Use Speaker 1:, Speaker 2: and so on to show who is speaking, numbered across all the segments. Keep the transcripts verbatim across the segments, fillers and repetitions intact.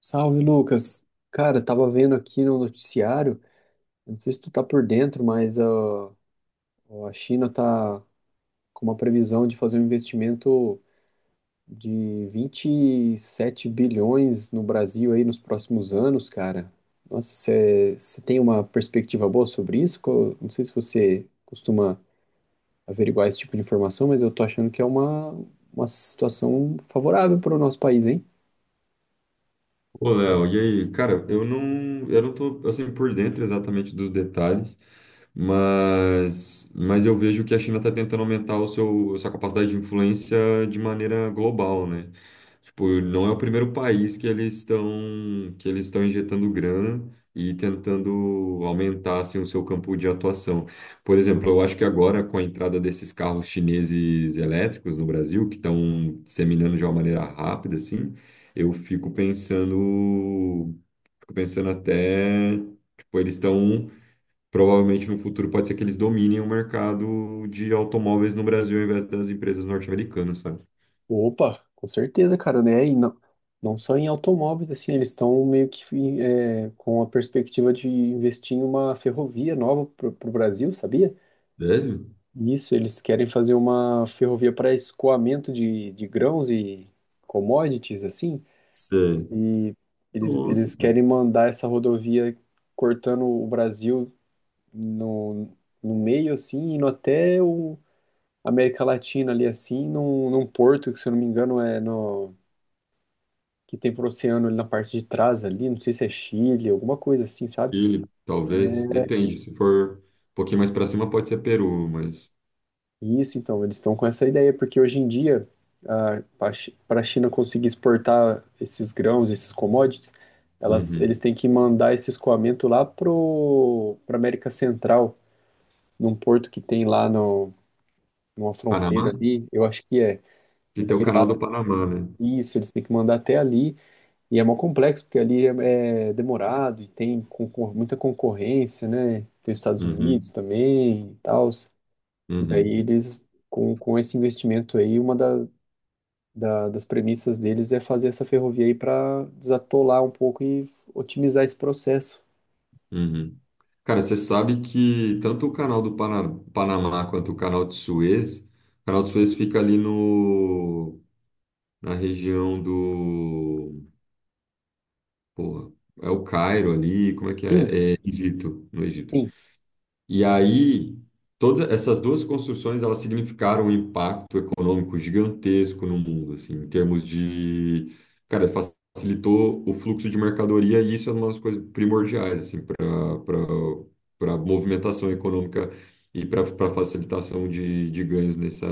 Speaker 1: Salve, Lucas. Cara, tava vendo aqui no noticiário, eu não sei se tu tá por dentro, mas ó, a China tá com uma previsão de fazer um investimento de vinte e sete bilhões no Brasil aí nos próximos anos, cara. Nossa, você tem uma perspectiva boa sobre isso? Co- Não sei se você costuma averiguar esse tipo de informação, mas eu tô achando que é uma, uma situação favorável para o nosso país, hein?
Speaker 2: Ô, Léo, e aí? Cara, eu não, eu não tô, assim, por dentro exatamente dos detalhes, mas, mas eu vejo que a China está tentando aumentar o seu, sua capacidade de influência de maneira global, né? Tipo, não é o primeiro país que eles estão que eles estão injetando grana e tentando aumentar assim, o seu campo de atuação. Por exemplo, eu acho que agora com a entrada desses carros chineses elétricos no Brasil, que estão disseminando de uma maneira rápida assim, eu fico pensando, fico pensando até, tipo, eles estão provavelmente no futuro. Pode ser que eles dominem o mercado de automóveis no Brasil ao invés das empresas norte-americanas, sabe?
Speaker 1: Opa, com certeza, cara, né? E não, não só em automóveis, assim, eles estão meio que é, com a perspectiva de investir em uma ferrovia nova para o Brasil, sabia?
Speaker 2: Velho?
Speaker 1: Isso, eles querem fazer uma ferrovia para escoamento de, de grãos e commodities, assim,
Speaker 2: Sei.
Speaker 1: e eles,
Speaker 2: Nossa,
Speaker 1: eles
Speaker 2: cara.
Speaker 1: querem mandar essa rodovia cortando o Brasil no, no meio, assim, indo até o América Latina ali, assim, num, num porto que, se eu não me engano, é no que tem pro oceano ali na parte de trás ali, não sei se é Chile, alguma coisa assim, sabe?
Speaker 2: Chile, talvez. Depende. Se for um pouquinho mais pra cima, pode ser Peru, mas.
Speaker 1: E isso, então, eles estão com essa ideia, porque hoje em dia, para a China conseguir exportar esses grãos, esses commodities, elas,
Speaker 2: Uhum.
Speaker 1: eles têm que mandar esse escoamento lá pro, pra América Central, num porto que tem lá no, numa fronteira
Speaker 2: Panamá?
Speaker 1: ali, eu acho que é.
Speaker 2: Que
Speaker 1: E
Speaker 2: tem o
Speaker 1: daí,
Speaker 2: canal
Speaker 1: lá-
Speaker 2: do Panamá, né?
Speaker 1: isso, eles têm que mandar até ali. E é mó complexo, porque ali é, é demorado e tem concor- muita concorrência, né? Tem os Estados Unidos
Speaker 2: Uhum,
Speaker 1: também e tal. E daí
Speaker 2: uhum,
Speaker 1: eles, com, com esse investimento aí, uma da, da- das premissas deles é fazer essa ferrovia aí para desatolar um pouco e otimizar esse processo.
Speaker 2: uhum. Cara, você sabe que tanto o canal do Pana- Panamá quanto o canal de Suez, o canal de Suez fica ali no, na região do. Pô, é o Cairo ali, como é que
Speaker 1: Sim,
Speaker 2: é? É Egito, no Egito.
Speaker 1: sim.
Speaker 2: E aí, todas essas duas construções, elas significaram um impacto econômico gigantesco no mundo, assim, em termos de, cara, facilitou o fluxo de mercadoria e isso é uma das coisas primordiais, assim, para para movimentação econômica e para para facilitação de, de ganhos nessa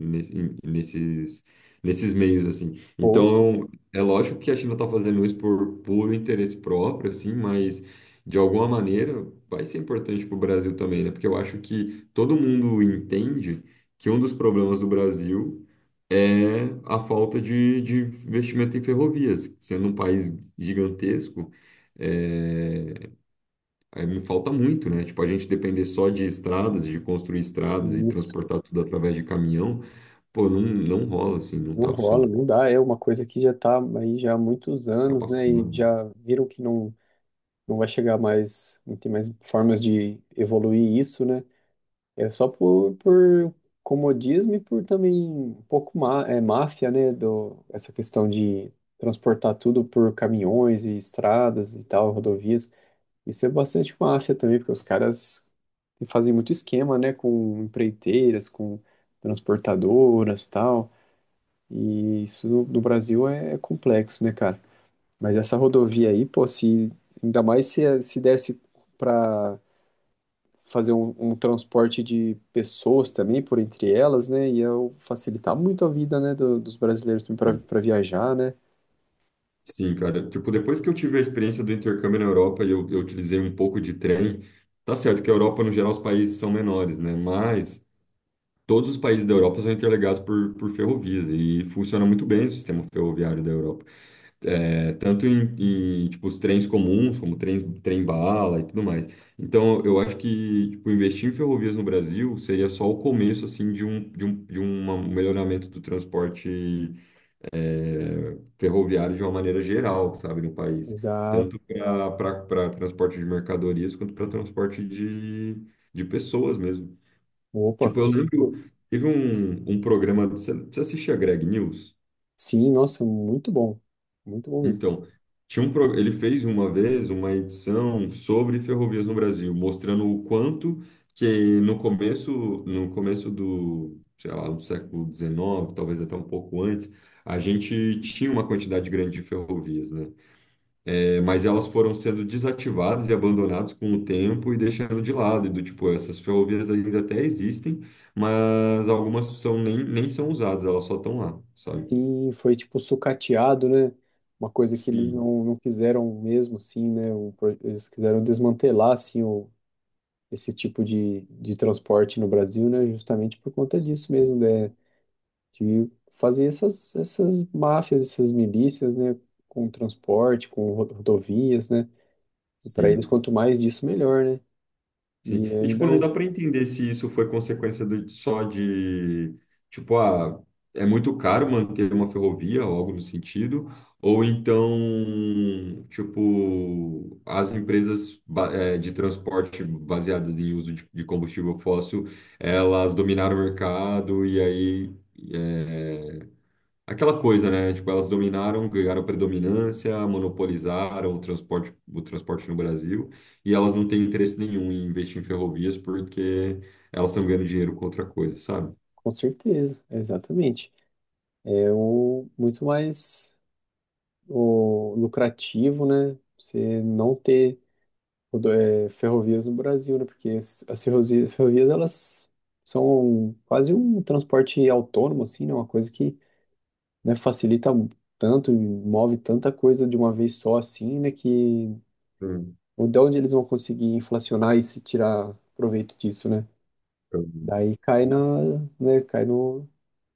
Speaker 2: nesse- em- nesses nesses meios, assim.
Speaker 1: Post,
Speaker 2: Então, é lógico que a China está fazendo isso por puro interesse próprio, assim, mas de alguma maneira, vai ser importante para o Brasil também, né? Porque eu acho que todo mundo entende que um dos problemas do Brasil é a falta de, de investimento em ferrovias, sendo um país gigantesco. É, é, me falta muito, né? Tipo, a gente depender só de estradas, de construir estradas e
Speaker 1: isso.
Speaker 2: transportar tudo através de caminhão, pô, não, não rola assim, não
Speaker 1: Não
Speaker 2: tá
Speaker 1: rola,
Speaker 2: funcionando,
Speaker 1: não dá. É uma coisa que já tá aí já há muitos
Speaker 2: tá
Speaker 1: anos, né? E
Speaker 2: passando.
Speaker 1: já viram que não, não vai chegar mais, não tem mais formas de evoluir isso, né? É só por, por comodismo e por também um pouco má, é, máfia, né? Do, essa questão de transportar tudo por caminhões e estradas e tal, rodovias. Isso é bastante máfia também, porque os caras fazem muito esquema, né? Com empreiteiras, com transportadoras e tal. E isso no, no Brasil é é complexo, né, cara? Mas essa rodovia aí, pô, se ainda mais se, se desse para fazer um, um transporte de pessoas também por entre elas, né? Ia facilitar muito a vida, né, do- dos brasileiros também
Speaker 2: Né?
Speaker 1: para viajar, né?
Speaker 2: Sim, cara. Tipo, depois que eu tive a experiência do intercâmbio na Europa e eu, eu utilizei um pouco de trem, tá certo que a Europa, no geral, os países são menores, né? Mas todos os países da Europa são interligados por, por ferrovias e funciona muito bem o sistema ferroviário da Europa. É, tanto em, em, tipo, os trens comuns, como trens, trem-bala e tudo mais. Então, eu acho que, tipo, investir em ferrovias no Brasil seria só o começo, assim, de um, de um, de um melhoramento do transporte eh, ferroviário de uma maneira geral, sabe, no país,
Speaker 1: Exato.
Speaker 2: tanto para transporte de mercadorias quanto para transporte de, de pessoas mesmo.
Speaker 1: Opa,
Speaker 2: Tipo, eu
Speaker 1: com
Speaker 2: lembro,
Speaker 1: certeza.
Speaker 2: teve um, um programa, você, você assistia Greg News?
Speaker 1: Sim, nossa, muito bom. Muito bom mesmo.
Speaker 2: Então, tinha um, pro- ele fez uma vez uma edição sobre ferrovias no Brasil, mostrando o quanto que no começo, no começo do, sei lá, do século dezenove, talvez até um pouco antes, a gente tinha uma quantidade grande de ferrovias, né? É, mas elas foram sendo desativadas e abandonadas com o tempo e deixando de lado. E do tipo, essas ferrovias ainda até existem, mas algumas são, nem, nem são usadas, elas só estão lá, sabe?
Speaker 1: Sim, foi tipo sucateado, né? Uma coisa que eles
Speaker 2: Sim.
Speaker 1: não, não quiseram mesmo, assim, né? O pro- eles quiseram desmantelar, assim, o, esse tipo de, de transporte no Brasil, né? Justamente por conta disso mesmo, né? Que fazia essas, essas máfias, essas milícias, né, com transporte, com ro- rodovias, né, e para eles
Speaker 2: Sim,
Speaker 1: quanto mais disso, melhor, né,
Speaker 2: sim.
Speaker 1: e
Speaker 2: E, tipo, não
Speaker 1: ainda,
Speaker 2: dá para entender se isso foi consequência do, só de, tipo, ah, é muito caro manter uma ferrovia ou algo no sentido, ou então, tipo, as empresas ba- eh, de transporte baseadas em uso de, de combustível fóssil, elas dominaram o mercado e aí é, aquela coisa, né? Tipo, elas dominaram, ganharam predominância, monopolizaram o transporte, o transporte no Brasil, e elas não têm interesse nenhum em investir em ferrovias porque elas estão ganhando dinheiro com outra coisa, sabe?
Speaker 1: com certeza, exatamente, é o muito mais o lucrativo, né, você não ter rodo- é, ferrovias no Brasil, né, porque as, as ferrovias, ferrovias, elas são quase um transporte autônomo, assim, né, uma coisa que, né, facilita um tanto, e move tanta coisa de uma vez só assim, né, que
Speaker 2: Hum,
Speaker 1: ou de onde eles vão conseguir inflacionar isso e tirar proveito disso, né?
Speaker 2: entendi.
Speaker 1: Daí cai na, né, cai no,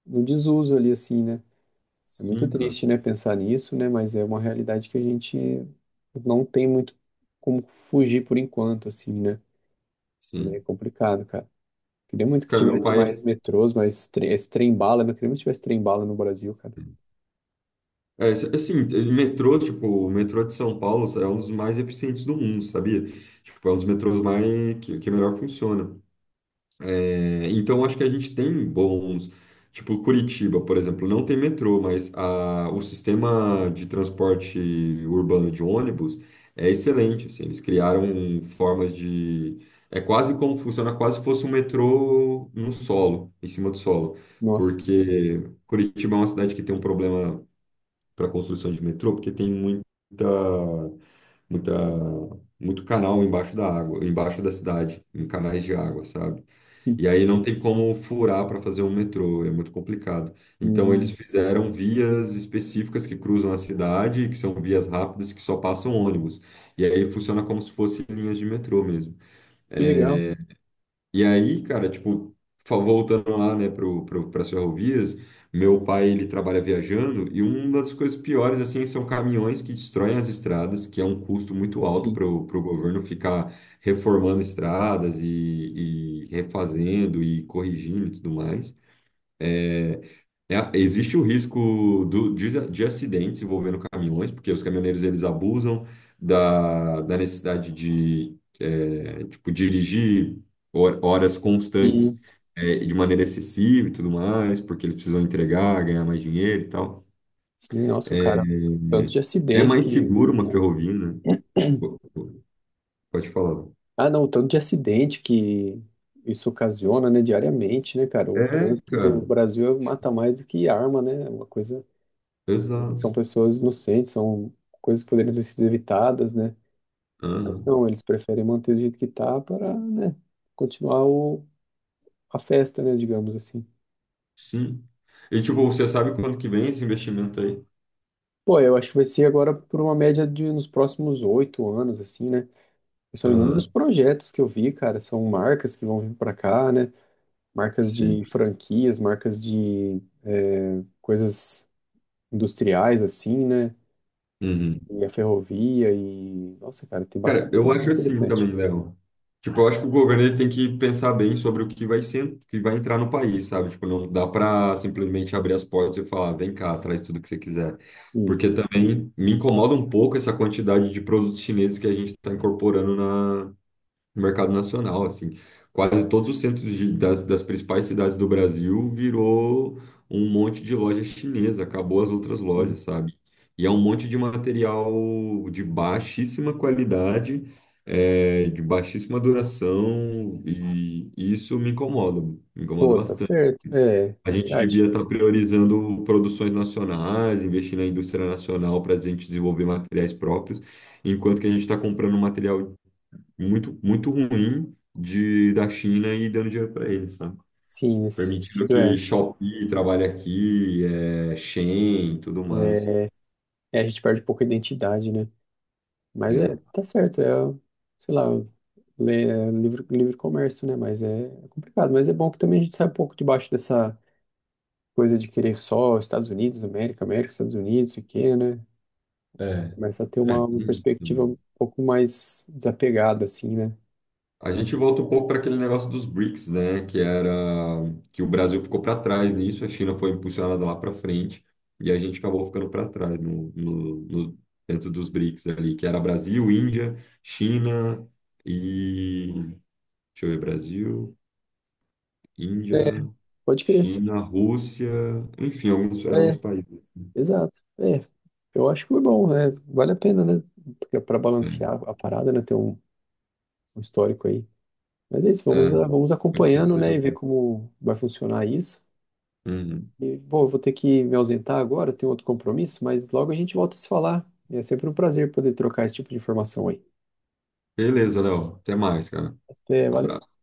Speaker 1: no desuso ali assim, né? É muito
Speaker 2: Sim, cara.
Speaker 1: triste, né, pensar nisso, né, mas é uma realidade que a gente não tem muito como fugir por enquanto assim, né? É
Speaker 2: Sim.
Speaker 1: complicado, cara. Queria muito que
Speaker 2: Cara, meu
Speaker 1: tivesse
Speaker 2: pai.
Speaker 1: mais metrôs, mais tre esse trem-bala, né? Queria muito que tivesse trem-bala no Brasil, cara.
Speaker 2: É, s- assim, ele- metrô, tipo, o metrô de São Paulo é um dos mais eficientes do mundo, sabia? Tipo, é um dos metrôs mais que, que melhor funciona. É, então, acho que a gente tem bons. Tipo, Curitiba, por exemplo, não tem metrô, mas a, o sistema de transporte urbano de ônibus é excelente. Assim, eles criaram formas de. É quase como funciona, quase se fosse um metrô no solo, em cima do solo.
Speaker 1: Nossa.
Speaker 2: Porque Curitiba é uma cidade que tem um problema para construção de metrô, porque tem muita, muita, muito canal embaixo da água, embaixo da cidade, em canais de água, sabe?
Speaker 1: Sim.
Speaker 2: E aí não tem como furar para fazer um metrô, é muito complicado. Então eles
Speaker 1: Hum,
Speaker 2: fizeram vias específicas que cruzam a cidade, que são vias rápidas que só passam ônibus. E aí funciona como se fossem linhas de metrô mesmo.
Speaker 1: que legal.
Speaker 2: E aí, cara, tipo, fa- voltando lá, né, pro, pro, para as ferrovias, meu pai, ele trabalha viajando e uma das coisas piores, assim, são caminhões que destroem as estradas, que é um custo muito alto
Speaker 1: Sim.
Speaker 2: para o governo ficar reformando estradas e, e refazendo e corrigindo e tudo mais. É, existe o risco do, de, de acidentes envolvendo caminhões, porque os caminhoneiros eles abusam da, da necessidade de é, tipo, dirigir hor- horas
Speaker 1: E,
Speaker 2: constantes é, de maneira excessiva e tudo mais, porque eles precisam entregar, ganhar mais dinheiro e tal.
Speaker 1: sim, nossa, cara, o tanto de
Speaker 2: É, é
Speaker 1: acidente
Speaker 2: mais
Speaker 1: que.
Speaker 2: seguro uma
Speaker 1: Né?
Speaker 2: ferrovia, né? Po- po- Pode falar.
Speaker 1: Ah, não, o tanto de acidente que isso ocasiona, né, diariamente, né, cara? O
Speaker 2: É,
Speaker 1: trânsito
Speaker 2: cara,
Speaker 1: do Brasil mata mais do que arma, né? É uma coisa. E
Speaker 2: exato.
Speaker 1: são pessoas inocentes, são coisas que poderiam ter sido evitadas, né? Mas
Speaker 2: Aham,
Speaker 1: não, eles preferem manter do jeito que tá para, né, continuar o, a festa, né, digamos assim.
Speaker 2: sim. E tipo, você sabe quando que vem esse investimento aí?
Speaker 1: Pô, eu acho que vai ser agora por uma média de nos próximos oito anos, assim, né? São inúmeros
Speaker 2: Aham,
Speaker 1: projetos que eu vi, cara. São marcas que vão vir para cá, né? Marcas
Speaker 2: sim.
Speaker 1: de franquias, marcas de é, coisas industriais, assim, né?
Speaker 2: Uhum.
Speaker 1: E a ferrovia e... Nossa, cara, tem
Speaker 2: Cara,
Speaker 1: bastante
Speaker 2: eu
Speaker 1: coisa
Speaker 2: acho assim
Speaker 1: interessante.
Speaker 2: também, Léo. Tipo, eu acho que o governo ele tem que pensar bem sobre o que vai ser, o que vai entrar no país, sabe? Tipo, não dá para simplesmente abrir as portas e falar, "Ah, vem cá, traz tudo que você quiser". Porque
Speaker 1: Isso.
Speaker 2: também me incomoda um pouco essa quantidade de produtos chineses que a gente está incorporando no mercado nacional, assim. Quase todos os centros de- das, das principais cidades do Brasil virou um monte de loja chinesa, acabou as outras
Speaker 1: Sim.
Speaker 2: lojas, sabe? E é um monte de material de baixíssima qualidade, é, de baixíssima duração, e isso me incomoda, me incomoda
Speaker 1: Pô, tá
Speaker 2: bastante.
Speaker 1: certo. É,
Speaker 2: A gente
Speaker 1: verdade.
Speaker 2: devia estar priorizando produções nacionais, investir na indústria nacional para a gente desenvolver materiais próprios, enquanto que a gente está comprando material muito, muito ruim de, da China e dando dinheiro para eles, sabe?
Speaker 1: Sim, nesse
Speaker 2: Permitindo
Speaker 1: sentido é.
Speaker 2: que Shopee trabalhe aqui, é, Shein e tudo mais.
Speaker 1: É, a gente perde pouca identidade, né? Mas é,
Speaker 2: Né?
Speaker 1: tá certo, é, sei lá, le- é livre, livre comércio, né? Mas é, é complicado. Mas é bom que também a gente sai um pouco debaixo dessa coisa de querer só Estados Unidos, América, América, Estados Unidos, o quê, né?
Speaker 2: É,
Speaker 1: Começa a ter
Speaker 2: é,
Speaker 1: uma, uma
Speaker 2: isso
Speaker 1: perspectiva
Speaker 2: também.
Speaker 1: um pouco mais desapegada, assim, né?
Speaker 2: A gente volta um pouco para aquele negócio dos bricks, né? Que era que o Brasil ficou para trás nisso, a China foi impulsionada lá para frente e a gente acabou ficando para trás no, no, no- dentro dos bricks ali, que era Brasil, Índia, China e deixa eu ver, Brasil, Índia.
Speaker 1: É, pode crer.
Speaker 2: China, Rússia, enfim, alguns, eram alguns
Speaker 1: É,
Speaker 2: países.
Speaker 1: exato. É, eu acho que foi bom, é, vale a pena, né? Porque para
Speaker 2: É,
Speaker 1: balancear a parada, né? Ter um, um histórico aí. Mas é isso, vamos,
Speaker 2: é,
Speaker 1: a- vamos
Speaker 2: pode ser que
Speaker 1: acompanhando,
Speaker 2: seja
Speaker 1: né? E ver
Speaker 2: algum.
Speaker 1: como vai funcionar isso.
Speaker 2: Uhum.
Speaker 1: E, bom, eu vou ter que me ausentar agora, tenho outro compromisso, mas logo a gente volta a se falar. É sempre um prazer poder trocar esse tipo de informação aí.
Speaker 2: Beleza, Léo. Até mais, cara.
Speaker 1: É,
Speaker 2: Um
Speaker 1: valeu.
Speaker 2: abraço.